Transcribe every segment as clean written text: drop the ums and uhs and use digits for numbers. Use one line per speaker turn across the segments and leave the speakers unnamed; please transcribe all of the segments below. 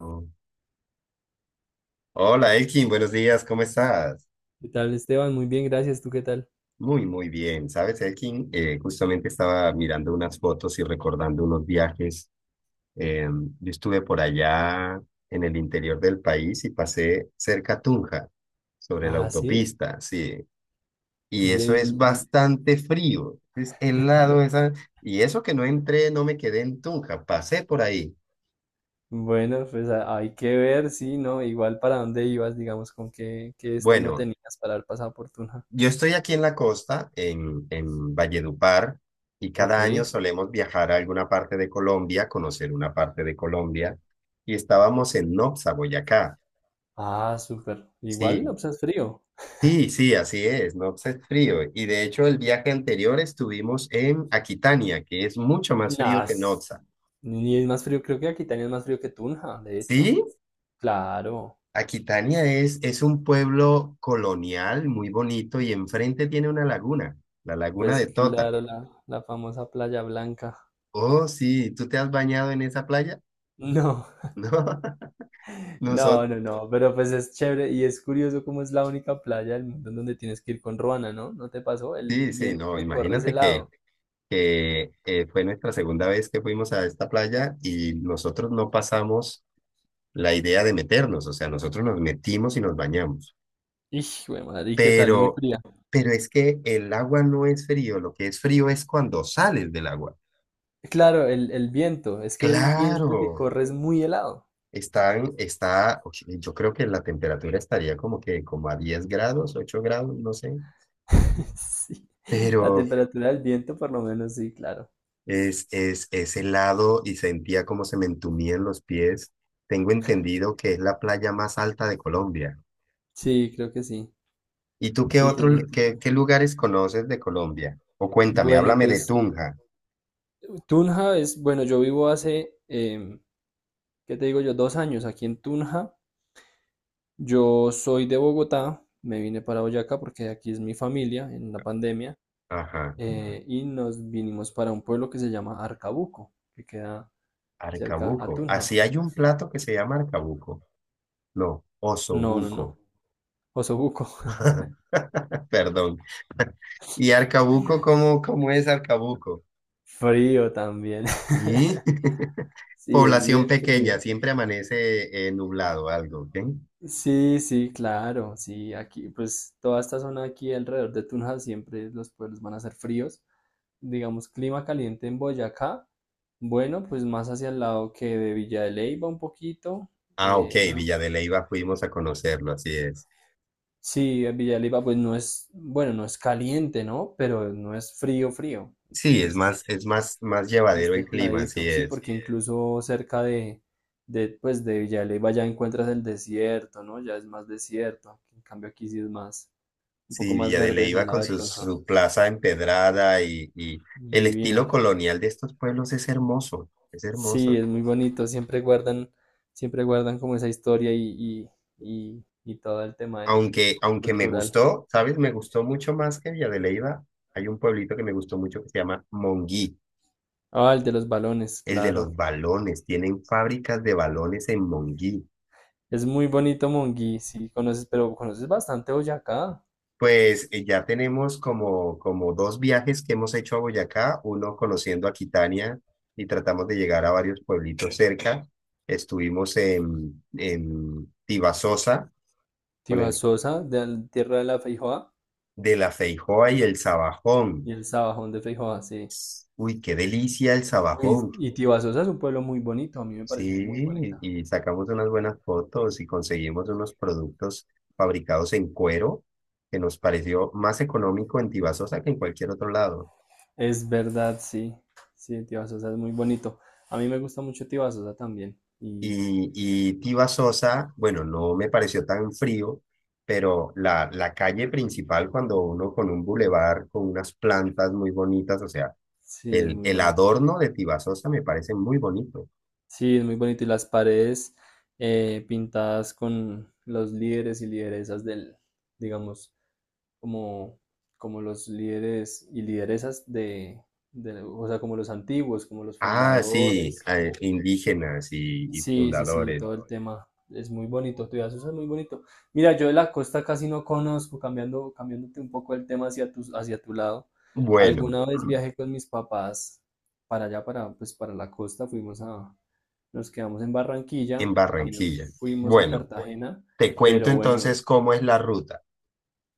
Oh. Hola Elkin, buenos días, ¿cómo estás?
¿Qué tal, Esteban? Muy bien, gracias. ¿Tú qué tal?
Muy, muy bien. ¿Sabes, Elkin? Justamente estaba mirando unas fotos y recordando unos viajes. Eh, yo estuve por allá en el interior del país y pasé cerca a Tunja, sobre la
Ah, sí.
autopista, sí. Y
Bien,
eso es bastante frío, es helado esa. Y eso que no entré, no me quedé en Tunja, pasé por ahí.
bueno, hay que ver, sí, ¿no? Igual para dónde ibas, digamos, qué destino
Bueno,
tenías para el pasado por Tunja.
yo estoy aquí en la costa, en Valledupar, y
Ok.
cada año solemos viajar a alguna parte de Colombia, conocer una parte de Colombia, y estábamos en Nopsa, Boyacá.
Ah, súper. Igual, no,
Sí,
pues es frío.
sí, sí, así es, Nopsa es frío. Y de hecho el viaje anterior estuvimos en Aquitania, que es mucho más
Nah,
frío que
es-
Nopsa.
ni es más frío, creo que aquí también es más frío que Tunja, de hecho.
Sí,
Claro,
Aquitania es un pueblo colonial muy bonito y enfrente tiene una laguna, la laguna
pues
de Tota.
claro, la famosa Playa Blanca.
Oh, sí, ¿tú te has bañado en esa playa?
No.
No,
No,
nosotros,
no, no, pero pues es chévere y es curioso cómo es la única playa del mundo en donde tienes que ir con ruana, ¿no? ¿No te pasó? El
sí, sí,
viento
no,
que corre ese
imagínate
lado.
que fue nuestra segunda vez que fuimos a esta playa y nosotros no pasamos la idea de meternos, o sea, nosotros nos metimos y nos bañamos,
Ix, güey, madre, ¿y qué tal? Muy
pero,
fría.
pero es que el agua no es frío, lo que es frío es cuando sales del agua.
Claro, el viento, es que el viento
Claro,
que corre es muy helado.
oye, yo creo que la temperatura estaría como que como a 10 grados, 8 grados, no sé.
Sí, la
Pero,
temperatura del viento por lo menos sí, claro.
es helado y sentía como se me entumían los pies. Tengo entendido que es la playa más alta de Colombia.
Sí, creo que sí.
¿Y tú qué
Sí, tiene un
otros,
título.
qué lugares conoces de Colombia? O cuéntame,
Bueno,
háblame de
pues
Tunja.
Tunja es, bueno, yo vivo hace, em, ¿qué te digo yo? 2 años aquí en Tunja. Yo soy de Bogotá, me vine para Boyacá porque aquí es mi familia en la pandemia,
Ajá,
y nos vinimos para un pueblo que se llama Arcabuco, que queda cerca a
Arcabuco.
Tunja.
Así hay un plato que se llama Arcabuco. No,
No, no, no,
osobuco.
Osobuco.
Perdón. ¿Y Arcabuco, cómo es Arcabuco?
Frío también.
Y
Sí, es
población
bien frío.
pequeña, siempre amanece nublado algo, ¿ok?
Sí, sí, claro, sí, aquí pues toda esta zona aquí alrededor de Tunja siempre los pueblos van a ser fríos. Digamos, clima caliente en Boyacá, bueno, pues más hacia el lado que de Villa de Leyva un poquito.
Ah, ok,
eh, Ah,
Villa de Leyva fuimos a conocerlo, así es.
sí, en Villa de Leyva pues no es, bueno, no es caliente, ¿no? Pero no es frío, frío.
Sí, es
Entonces es
más,
más
más llevadero el clima,
templadito,
así
sí,
es.
porque sí. Incluso cerca de pues de Villa de Leyva ya encuentras el desierto, ¿no? Ya es más desierto. En cambio aquí sí es más, un poco
Sí,
más. Sí,
Villa de
verde hacia
Leyva
el lado
con
de
su,
Tolja.
su plaza empedrada y el
Divina.
estilo colonial de estos pueblos es hermoso, es
Sí,
hermoso.
es muy bonito. Siempre guardan como esa historia y todo el
Aunque, aunque me
cultural.
gustó, ¿sabes? Me gustó mucho más que Villa de Leyva. Hay un pueblito que me gustó mucho que se llama Monguí,
Ah, el de los balones,
el de
claro.
los balones. Tienen fábricas de balones en Monguí.
Es muy bonito Monguí, sí, conoces, pero conoces bastante Boyacá.
Pues ya tenemos como dos viajes que hemos hecho a Boyacá, uno conociendo Aquitania y tratamos de llegar a varios pueblitos cerca. Estuvimos en Tibasosa con el
Tibasosa, de la tierra de la Feijoa,
de la Feijoa y el
y
Sabajón.
el Sabajón de Feijoa, sí.
Uy, qué delicia el
Uy,
Sabajón.
y Tibasosa es un pueblo muy bonito, a mí me parece muy
Sí,
bonita.
y sacamos unas buenas fotos y conseguimos unos productos fabricados en cuero que nos pareció más económico en Tibasosa que en cualquier otro lado.
Es verdad, sí, sí, Tibasosa es muy bonito. A mí me gusta mucho Tibasosa también, y
Y Tiva Sosa, bueno, no me pareció tan frío, pero la calle principal, cuando uno con un bulevar, con unas plantas muy bonitas, o sea,
sí, es muy
el
bonito.
adorno de Tiva Sosa me parece muy bonito.
Sí, es muy bonito. Y las paredes pintadas con los líderes y lideresas del, digamos, como, como los líderes y lideresas o sea, como los antiguos, como los
Ah, sí,
fundadores, como,
indígenas y
sí, sí, sí,
fundadores.
todo el tema es muy bonito, Tuyazusa es muy bonito. Mira, yo de la costa casi no conozco, cambiando, cambiándote un poco el tema hacia tu lado.
Bueno,
Alguna vez viajé con mis papás para allá, para, pues, para la costa, nos quedamos en Barranquilla,
en
también
Barranquilla.
fuimos a
Bueno,
Cartagena,
te cuento
pero bueno,
entonces cómo es la ruta.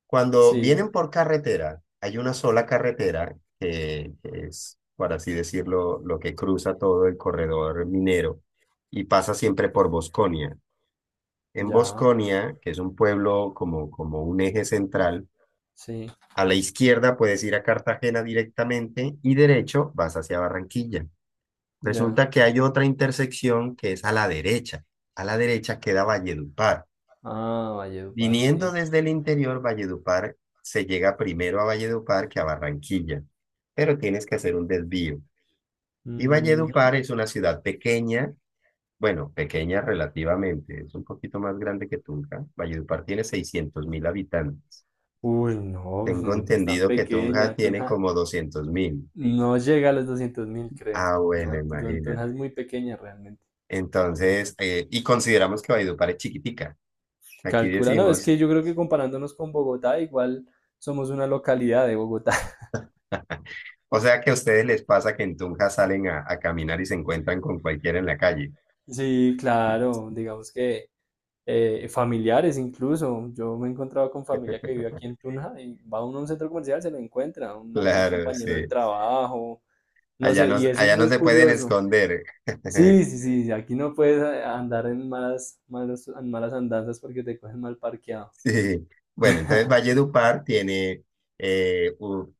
Cuando
sí,
vienen por carretera, hay una sola carretera que es, por así decirlo, lo que cruza todo el corredor minero y pasa siempre por Bosconia. En
ya,
Bosconia, que es un pueblo como, como un eje central,
sí,
a la izquierda puedes ir a Cartagena directamente y derecho vas hacia Barranquilla.
ya.
Resulta que hay otra intersección que es a la derecha. A la derecha queda Valledupar.
Ah, Valledupar,
Viniendo
sí.
desde el interior, Valledupar, se llega primero a Valledupar que a Barranquilla, pero tienes que hacer un desvío. Y
Mm,
Valledupar es una ciudad pequeña, bueno, pequeña relativamente, es un poquito más grande que Tunja. Valledupar tiene 600.000 habitantes.
uy, no, pues,
Tengo
es tan
entendido que Tunja
pequeña, tú
tiene
no.
como 200.000.
No llega a los 200.000, creo.
Ah, bueno,
No,
imagínate.
Tunja es muy pequeña realmente.
Entonces, y consideramos que Valledupar es chiquitica. Aquí
Calcula, no, es
decimos,
que yo creo que comparándonos con Bogotá, igual somos una localidad de Bogotá.
o sea que a ustedes les pasa que en Tunja salen a caminar y se encuentran con cualquiera en la calle.
Sí, claro, digamos que familiares incluso. Yo me he encontrado con familia que vive aquí en Tunja y va uno a un centro comercial, se lo encuentra, un
Claro,
compañero
sí.
del trabajo, no sé, y eso es
Allá no
muy
se pueden
curioso.
esconder.
Sí, sí, sí, sí, aquí no puedes andar en malas andanzas porque te cogen mal parqueado.
Sí. Bueno, entonces Valledupar tiene eh, u-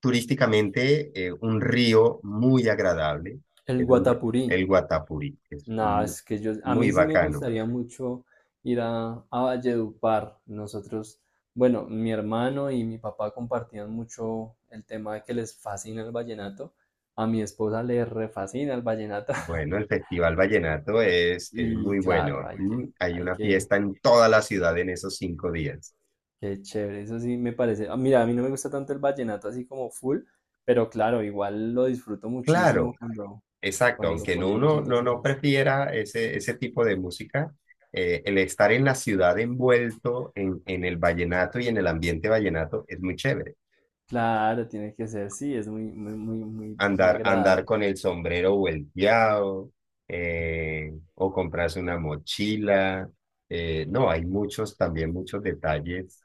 turísticamente un río muy agradable,
El
es
Guatapurí.
el Guatapurí,
No, es que yo, a mí
muy
sí me
bacano.
gustaría mucho ir a Valledupar. Nosotros, bueno, mi hermano y mi papá compartían mucho el tema de que les fascina el vallenato. A mi esposa le refascina el vallenato.
Bueno, el Festival Vallenato es
Y
muy
claro,
bueno. Mm, hay una fiesta en toda la ciudad en esos 5 días.
qué chévere. Eso sí me parece. Mira, a mí no me gusta tanto el vallenato así como full, pero claro, igual lo disfruto muchísimo
Claro. Exacto,
cuando lo
aunque no
ponemos.
uno no, no prefiera ese, ese tipo de música, el estar en la ciudad envuelto en el vallenato y en el ambiente vallenato es muy chévere.
Claro, tiene que ser, sí, es muy, muy, muy, muy, muy
Andar, andar
agradable.
con el sombrero volteado o comprarse una mochila. No, hay muchos también, muchos detalles,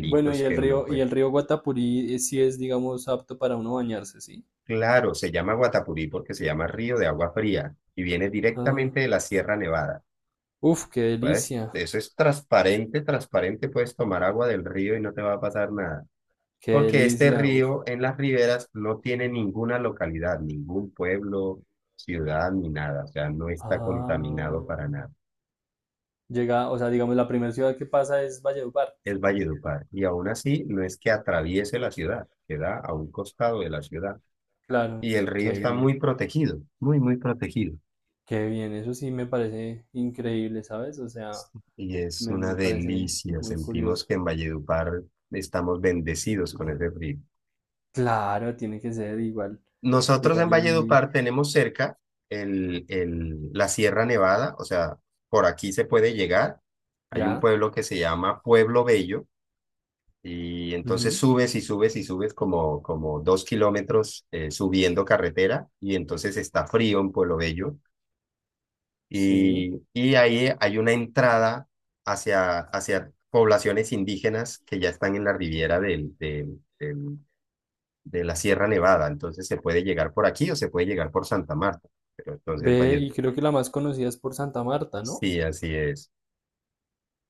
Bueno,
que uno
y
puede.
el río Guatapurí, sí es, digamos, apto para uno bañarse, ¿sí?
Claro, se llama Guatapurí porque se llama río de agua fría y viene
Ah,
directamente de la Sierra Nevada.
uf,
Puedes, eso es transparente, transparente, puedes tomar agua del río y no te va a pasar nada.
qué
Porque este
delicia, uf.
río en las riberas no tiene ninguna localidad, ningún pueblo, ciudad ni nada. O sea, no está contaminado
Ah,
para nada.
llega, o sea, digamos, la primera ciudad que pasa es Valledupar.
Es Valledupar. Y aún así, no es que atraviese la ciudad, queda a un costado de la ciudad.
Claro,
Y el
qué
río está muy
bien,
protegido, muy, muy protegido.
qué bien, eso sí me parece increíble, ¿sabes? O sea,
Y es
me,
una
me parece
delicia.
muy
Sentimos
curioso.
que en Valledupar estamos bendecidos con ese río.
Claro, tiene que ser igual,
Nosotros en
igual es muy,
Valledupar tenemos cerca la Sierra Nevada, o sea, por aquí se puede llegar. Hay un
ya,
pueblo que se llama Pueblo Bello y entonces
ujú,
subes y subes y subes como 2 kilómetros subiendo carretera y entonces está frío en Pueblo Bello
sí.
y ahí hay una entrada hacia, hacia poblaciones indígenas que ya están en la riviera del, del, del de la Sierra Nevada, entonces se puede llegar por aquí o se puede llegar por Santa Marta, pero entonces
Ve,
Valle,
y creo que la más conocida es por Santa Marta, ¿no?
sí, así es.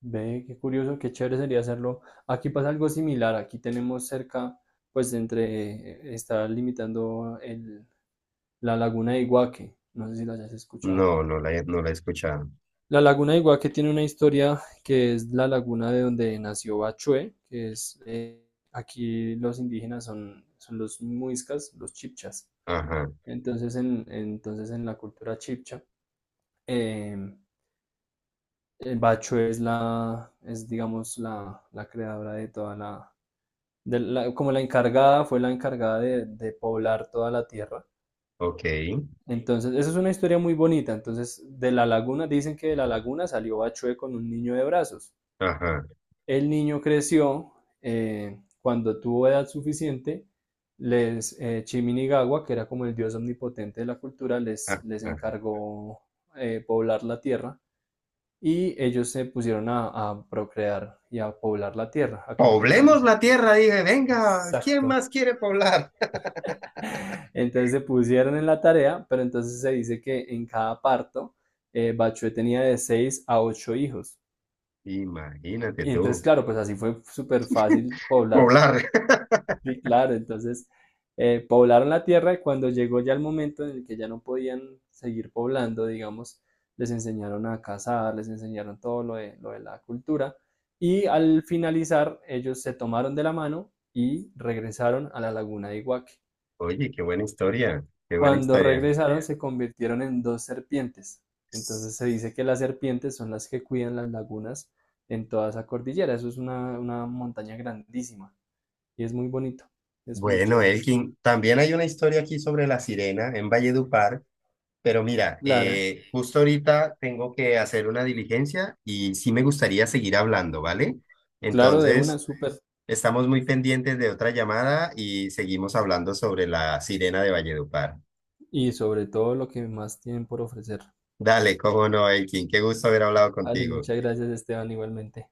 Ve, qué curioso, qué chévere sería hacerlo. Aquí pasa algo similar, aquí tenemos cerca, está limitando el, la laguna de Iguaque, no sé si la hayas
No,
escuchado.
no la he escuchado.
La laguna de Iguaque tiene una historia que es la laguna de donde nació Bachué, que es, aquí los indígenas son, son los muiscas, los chipchas.
Ajá,
Entonces en la cultura chipcha, eh, el Bachué es la, es digamos la creadora de toda la como la encargada, fue la encargada de poblar toda la tierra.
ok,
Entonces, esa es una historia muy bonita. Entonces, de la laguna, dicen que de la laguna salió Bachué con un niño de brazos.
ajá,
El niño creció, cuando tuvo edad suficiente, Chiminigawa, que era como el dios omnipotente de la cultura,
ah,
les
ah.
encargó poblar la tierra y ellos se pusieron a procrear y a poblar la tierra, a cumplir la
Poblemos
misión.
la
que les-
tierra, dije, venga, ¿quién
Exacto.
más quiere poblar?
Entonces se pusieron en la tarea, pero entonces se dice que en cada parto Bachué tenía de 6 a 8 hijos.
Imagínate
Y entonces,
tú,
claro, pues así fue súper fácil poblar.
poblar.
Sí, claro, entonces poblaron la tierra y cuando llegó ya el momento en el que ya no podían seguir poblando, digamos, les enseñaron a cazar, les enseñaron todo lo lo de la cultura y al finalizar ellos se tomaron de la mano y regresaron a la laguna de Iguaque.
Oye, qué buena historia, qué buena
Cuando
historia.
regresaron se convirtieron en dos serpientes. Entonces se dice que las serpientes son las que cuidan las lagunas en toda esa cordillera. Eso es una montaña grandísima y es muy bonito, es muy
Bueno,
chévere.
Elkin, también hay una historia aquí sobre la sirena en Valledupar. Pero mira,
Claro,
justo ahorita tengo que hacer una diligencia y sí me gustaría seguir hablando, ¿vale?
claro, de una
Entonces,
listo, súper pues.
estamos muy pendientes de otra llamada y seguimos hablando sobre la sirena de Valledupar.
Y sobre todo lo que más tienen por ofrecer.
Dale, cómo no, Elkin, qué gusto haber hablado
Vale,
contigo.
muchas gracias Esteban, igualmente.